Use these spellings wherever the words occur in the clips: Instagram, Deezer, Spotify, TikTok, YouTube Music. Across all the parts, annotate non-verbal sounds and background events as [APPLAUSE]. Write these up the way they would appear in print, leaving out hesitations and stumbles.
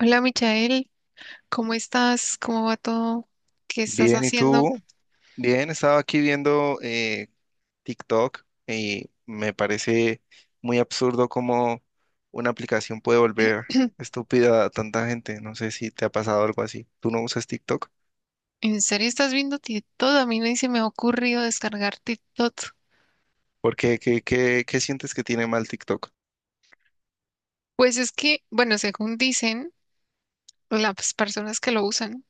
Hola Michael, ¿cómo estás? ¿Cómo va todo? ¿Qué estás Bien, ¿y haciendo? tú? Bien, estaba aquí viendo TikTok y me parece muy absurdo cómo una aplicación puede volver estúpida a tanta gente. No sé si te ha pasado algo así. ¿Tú no usas TikTok? ¿En serio estás viendo TikTok? A mí ni se me ha ocurrido descargar TikTok. ¿Por qué? ¿Qué sientes que tiene mal TikTok? Pues es que, bueno, según dicen las personas que lo usan,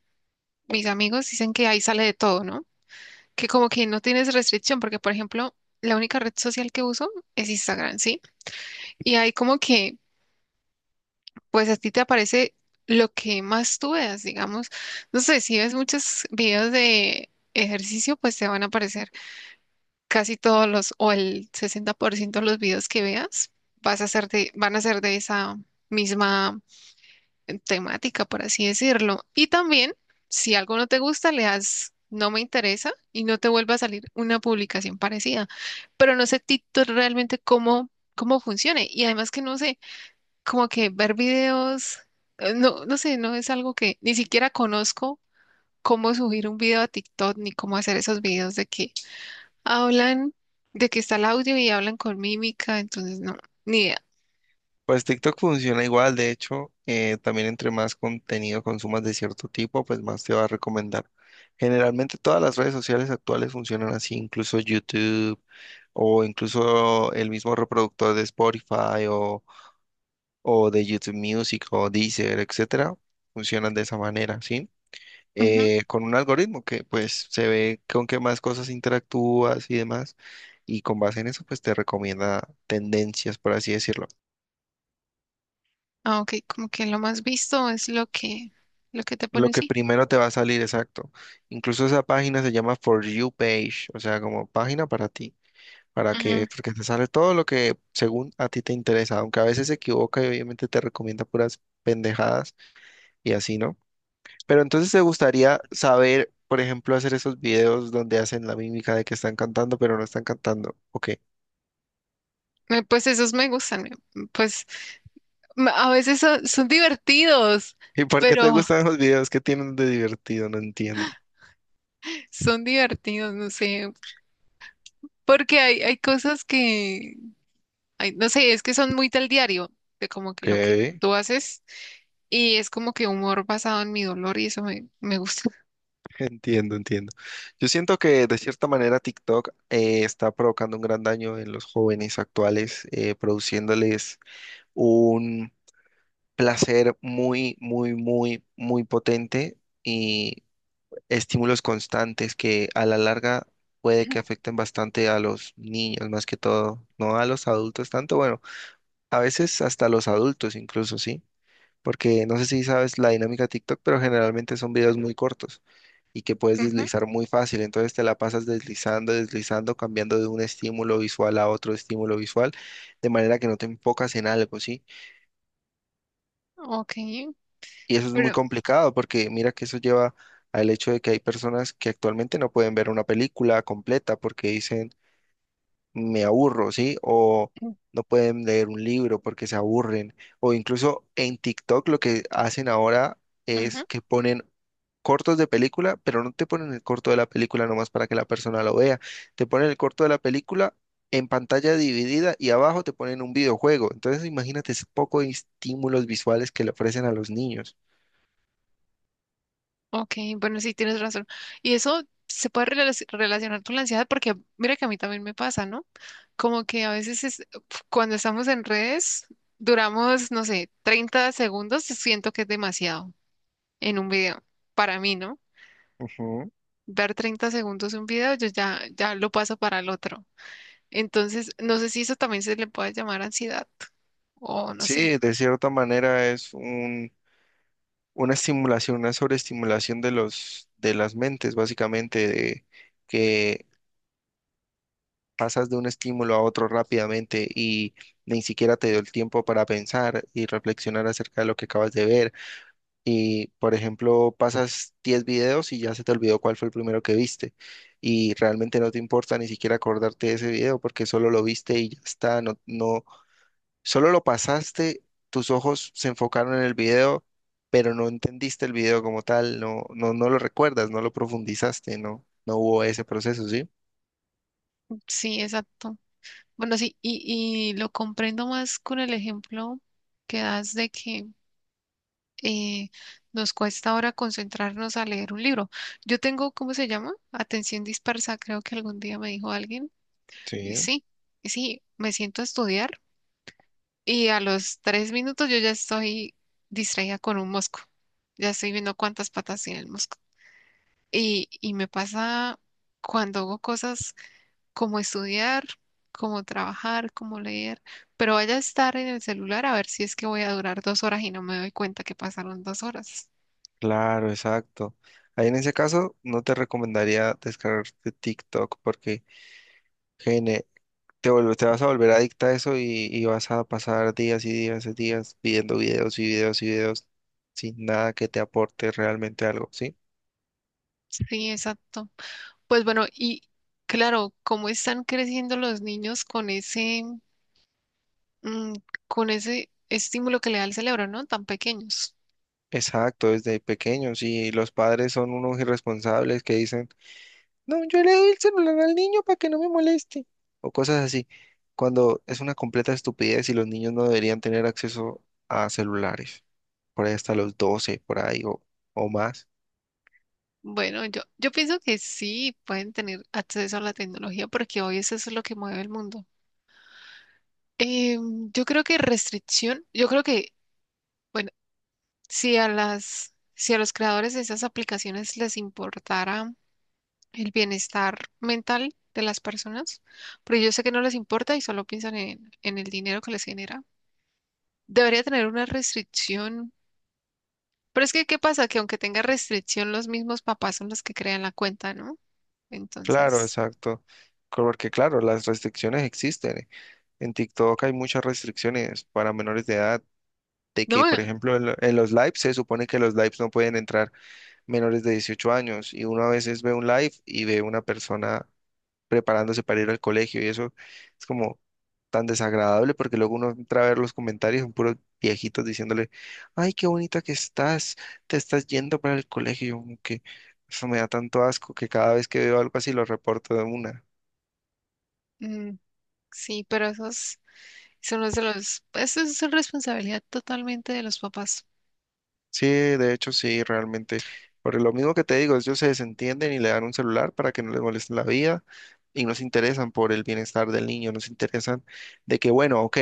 mis amigos dicen que ahí sale de todo, ¿no? Que como que no tienes restricción, porque por ejemplo, la única red social que uso es Instagram, ¿sí? Y ahí como que, pues a ti te aparece lo que más tú veas, digamos. No sé, si ves muchos videos de ejercicio, pues te van a aparecer casi todos los, o el 60% de los videos que veas, vas a ser de, van a ser de esa misma temática, por así decirlo. Y también, si algo no te gusta, le das no me interesa y no te vuelva a salir una publicación parecida. Pero no sé Tito realmente cómo funcione. Y además que no sé, como que ver videos, no, no sé, no es algo que ni siquiera conozco. Cómo subir un video a TikTok ni cómo hacer esos videos de que hablan de que está el audio y hablan con mímica, entonces no, ni idea. Pues TikTok funciona igual, de hecho, también entre más contenido consumas de cierto tipo, pues más te va a recomendar. Generalmente todas las redes sociales actuales funcionan así, incluso YouTube o incluso el mismo reproductor de Spotify o de YouTube Music o Deezer, etcétera, funcionan de esa manera, ¿sí? Ujú. Con un algoritmo que pues se ve con qué más cosas interactúas y demás, y con base en eso pues te recomienda tendencias, por así decirlo. Ah, ok, como que lo más visto es lo que te Lo pone que así. primero te va a salir, exacto. Incluso esa página se llama For You Page, o sea, como página para ti. Para Ujú. que, porque te sale todo lo que según a ti te interesa, aunque a veces se equivoca y obviamente te recomienda puras pendejadas y así, ¿no? Pero entonces te gustaría saber, por ejemplo, hacer esos videos donde hacen la mímica de que están cantando, pero no están cantando. Ok. [LAUGHS] Pues esos me gustan, pues a veces son divertidos, ¿Y por qué te pero gustan los videos? ¿Qué tienen de divertido? No entiendo. [LAUGHS] son divertidos, no sé, porque hay cosas que, ay, no sé, es que son muy del diario, de como Ok, que lo que tú haces y es como que humor basado en mi dolor y eso me gusta. entiendo, entiendo. Yo siento que de cierta manera TikTok está provocando un gran daño en los jóvenes actuales, produciéndoles un placer muy, muy, muy, muy potente y estímulos constantes que a la larga puede que [CLEARS THROAT] afecten bastante a los niños más que todo, no a los adultos tanto, bueno, a veces hasta los adultos incluso, ¿sí? Porque no sé si sabes la dinámica de TikTok, pero generalmente son videos muy cortos y que puedes Ujú. deslizar muy fácil, entonces te la pasas deslizando, deslizando, cambiando de un estímulo visual a otro estímulo visual, de manera que no te enfocas en algo, ¿sí? Ok. Y eso es muy Pero complicado porque mira que eso lleva al hecho de que hay personas que actualmente no pueden ver una película completa porque dicen me aburro, ¿sí? O mm. no pueden leer un libro porque se aburren. O incluso en TikTok lo que hacen ahora es Ujú. que ponen cortos de película, pero no te ponen el corto de la película nomás para que la persona lo vea. Te ponen el corto de la película en pantalla dividida y abajo te ponen un videojuego. Entonces imagínate ese poco de estímulos visuales que le ofrecen a los niños. Ok, bueno, sí, tienes razón. Y eso se puede relacionar con la ansiedad porque mira que a mí también me pasa, ¿no? Como que a veces es, cuando estamos en redes duramos, no sé, 30 segundos, siento que es demasiado en un video. Para mí, ¿no? Ujú. Ver 30 segundos un video, ya lo paso para el otro. Entonces, no sé si eso también se le puede llamar ansiedad o no sé. Sí, de cierta manera es un, una estimulación, una sobreestimulación de las mentes, básicamente, de que pasas de un estímulo a otro rápidamente y ni siquiera te dio el tiempo para pensar y reflexionar acerca de lo que acabas de ver. Y, por ejemplo, pasas 10 videos y ya se te olvidó cuál fue el primero que viste. Y realmente no te importa ni siquiera acordarte de ese video porque solo lo viste y ya está. No, no, solo lo pasaste, tus ojos se enfocaron en el video, pero no entendiste el video como tal, no, no, no lo recuerdas, no lo profundizaste, no, no hubo ese proceso, ¿sí? Sí, exacto. Bueno, sí, y lo comprendo más con el ejemplo que das de que eh, nos cuesta ahora concentrarnos a leer un libro. Yo tengo, ¿cómo se llama? Atención dispersa, creo que algún día me dijo alguien. Y Sí, sí, y sí, me siento a estudiar y a los 3 minutos yo ya estoy distraída con un mosco. Ya estoy viendo cuántas patas tiene el mosco. Y me pasa cuando hago cosas como estudiar, como trabajar, como leer, pero vaya a estar en el celular a ver si es que voy a durar 2 horas y no me doy cuenta que pasaron 2 horas. claro, exacto. Ahí en ese caso no te recomendaría descargarte TikTok porque gene- te vas a volver adicta a eso y vas a pasar días y días y días viendo videos y videos y videos sin nada que te aporte realmente algo, ¿sí? Sí, exacto. Pues bueno, y claro, cómo están creciendo los niños con ese, mm, con ese estímulo que le da el cerebro, ¿no? Tan pequeños. Exacto, desde pequeños y los padres son unos irresponsables que dicen, no, yo le doy el celular al niño para que no me moleste o cosas así, cuando es una completa estupidez y los niños no deberían tener acceso a celulares, por ahí hasta los 12 por ahí o más. Bueno, yo pienso que sí pueden tener acceso a la tecnología porque hoy eso es lo que mueve el mundo. Em, yo creo que restricción, yo creo que, bueno, si a si a los creadores de esas aplicaciones les importara el bienestar mental de las personas, porque yo sé que no les importa y solo piensan en el dinero que les genera. Debería tener una restricción. Pero es que, ¿qué pasa? Que aunque tenga restricción, los mismos papás son los que crean la cuenta, ¿no? Claro, Entonces, exacto, porque claro, las restricciones existen. En TikTok hay muchas restricciones para menores de edad, de que, por no, ejemplo, en los lives se supone que los lives no pueden entrar menores de 18 años y uno a veces ve un live y ve una persona preparándose para ir al colegio y eso es como tan desagradable porque luego uno entra a ver los comentarios, son puros viejitos diciéndole, ay, qué bonita que estás, te estás yendo para el colegio, y yo como que eso me da tanto asco que cada vez que veo algo así lo reporto de una. mm, sí, pero esos son los de los, eso es responsabilidad totalmente de los papás. Sí, de hecho sí, realmente. Por lo mismo que te digo, ellos se desentienden y le dan un celular para que no les moleste la vida y no se interesan por el bienestar del niño, no se interesan de que, bueno, ok,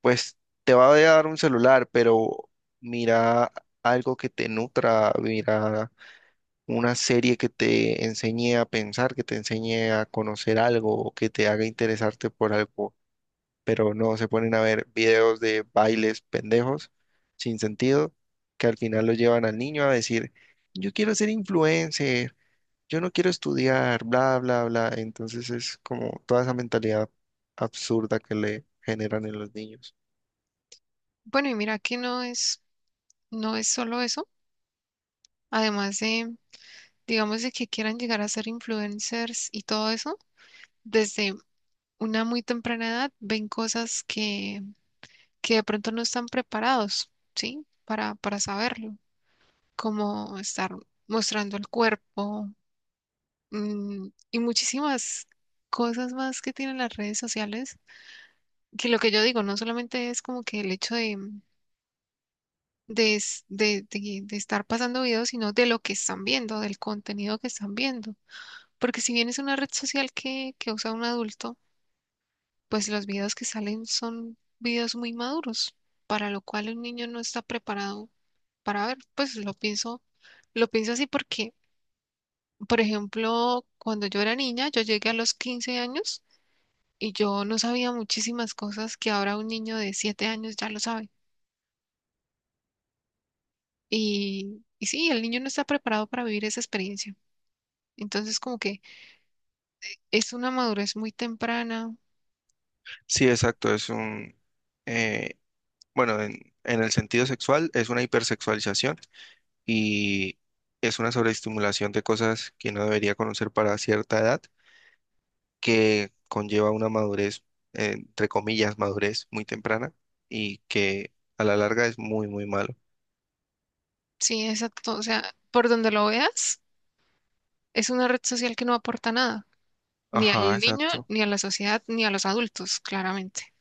pues te va a dar un celular, pero mira algo que te nutra, mira una serie que te enseñe a pensar, que te enseñe a conocer algo, o que te haga interesarte por algo pero no se ponen a ver videos de bailes pendejos sin sentido que al final lo llevan al niño a decir, yo quiero ser influencer, yo no quiero estudiar, bla, bla, bla. Entonces es como toda esa mentalidad absurda que le generan en los niños. Bueno, y mira que no es, no es solo eso. Además de, digamos, de que quieran llegar a ser influencers y todo eso, desde una muy temprana edad ven cosas que de pronto no están preparados, ¿sí? Para saberlo. Como estar mostrando el cuerpo mm, y muchísimas cosas más que tienen las redes sociales, que lo que yo digo no solamente es como que el hecho de estar pasando videos, sino de lo que están viendo, del contenido que están viendo. Porque si bien es una red social que usa un adulto, pues los videos que salen son videos muy maduros, para lo cual un niño no está preparado para ver. Pues lo pienso así porque por ejemplo, cuando yo era niña, yo llegué a los 15 años y yo no sabía muchísimas cosas que ahora un niño de 7 años ya lo sabe. Y sí, el niño no está preparado para vivir esa experiencia. Entonces, como que es una madurez muy temprana. Sí, exacto, es un, eh, bueno, en el sentido sexual es una hipersexualización y es una sobreestimulación de cosas que no debería conocer para cierta edad que conlleva una madurez, entre comillas, madurez muy temprana y que a la larga es muy, muy malo. Sí, exacto. O sea, por donde lo veas, es una red social que no aporta nada, ni Ajá, al niño, exacto. ni a la sociedad, ni a los adultos, claramente.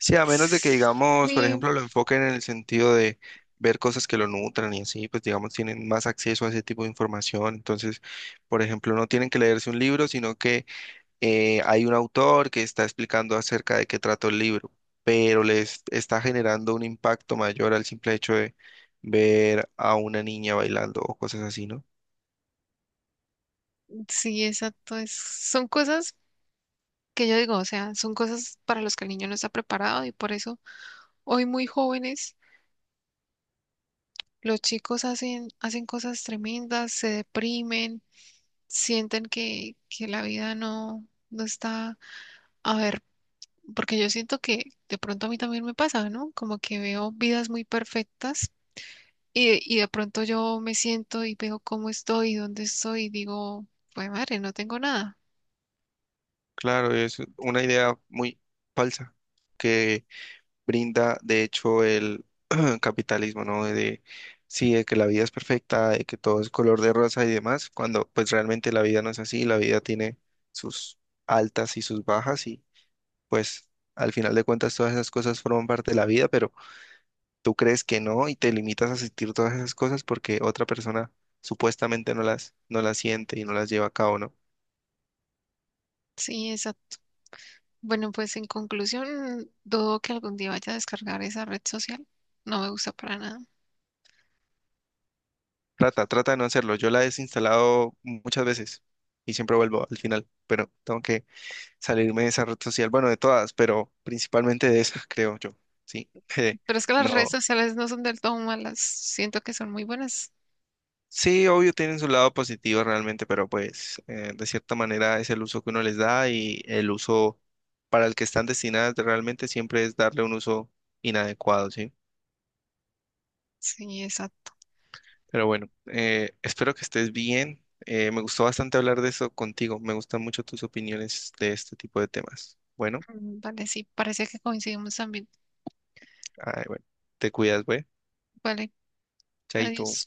Sí, a menos de que, digamos, por Sí, ejemplo, lo enfoquen en el sentido de ver cosas que lo nutran y así, pues, digamos, tienen más acceso a ese tipo de información. Entonces, por ejemplo, no tienen que leerse un libro, sino que hay un autor que está explicando acerca de qué trata el libro, pero les está generando un impacto mayor al simple hecho de ver a una niña bailando o cosas así, ¿no? sí, exacto. Son cosas que yo digo, o sea, son cosas para las que el niño no está preparado y por eso hoy muy jóvenes los chicos hacen cosas tremendas, se deprimen, sienten que la vida no está, a ver, porque yo siento que de pronto a mí también me pasa, ¿no? Como que veo vidas muy perfectas y de pronto yo me siento y veo cómo estoy, dónde estoy y digo, pues madre, no tengo nada. Claro, es una idea muy falsa que brinda, de hecho, el [CLEARS THROAT] capitalismo, ¿no? De, sí, de que la vida es perfecta, de que todo es color de rosa y demás, cuando pues realmente la vida no es así, la vida tiene sus altas y sus bajas y pues al final de cuentas todas esas cosas forman parte de la vida, pero tú crees que no y te limitas a sentir todas esas cosas porque otra persona supuestamente no las, no las siente y no las lleva a cabo, ¿no? Sí, exacto. Bueno, pues en conclusión, dudo que algún día vaya a descargar esa red social. No me gusta para nada. Trata, trata de no hacerlo. Yo la he desinstalado muchas veces y siempre vuelvo al final, pero tengo que salirme de esa red social, bueno, de todas, pero principalmente de esa, [LAUGHS] creo yo, ¿sí? [LAUGHS] Pero es que las redes No. sociales no son del todo malas. Siento que son muy buenas. Sí, obvio, tienen su lado positivo realmente, pero pues de cierta manera es el uso que uno les da y el uso para el que están destinadas realmente siempre es darle un uso inadecuado, ¿sí? Sí, exacto. Pero bueno, espero que estés bien. Me gustó bastante hablar de eso contigo. Me gustan mucho tus opiniones de este tipo de temas. Bueno, Mm, vale, sí, parece que coincidimos también. ay, bueno, te cuidas, güey. Vale, adiós. Chaito.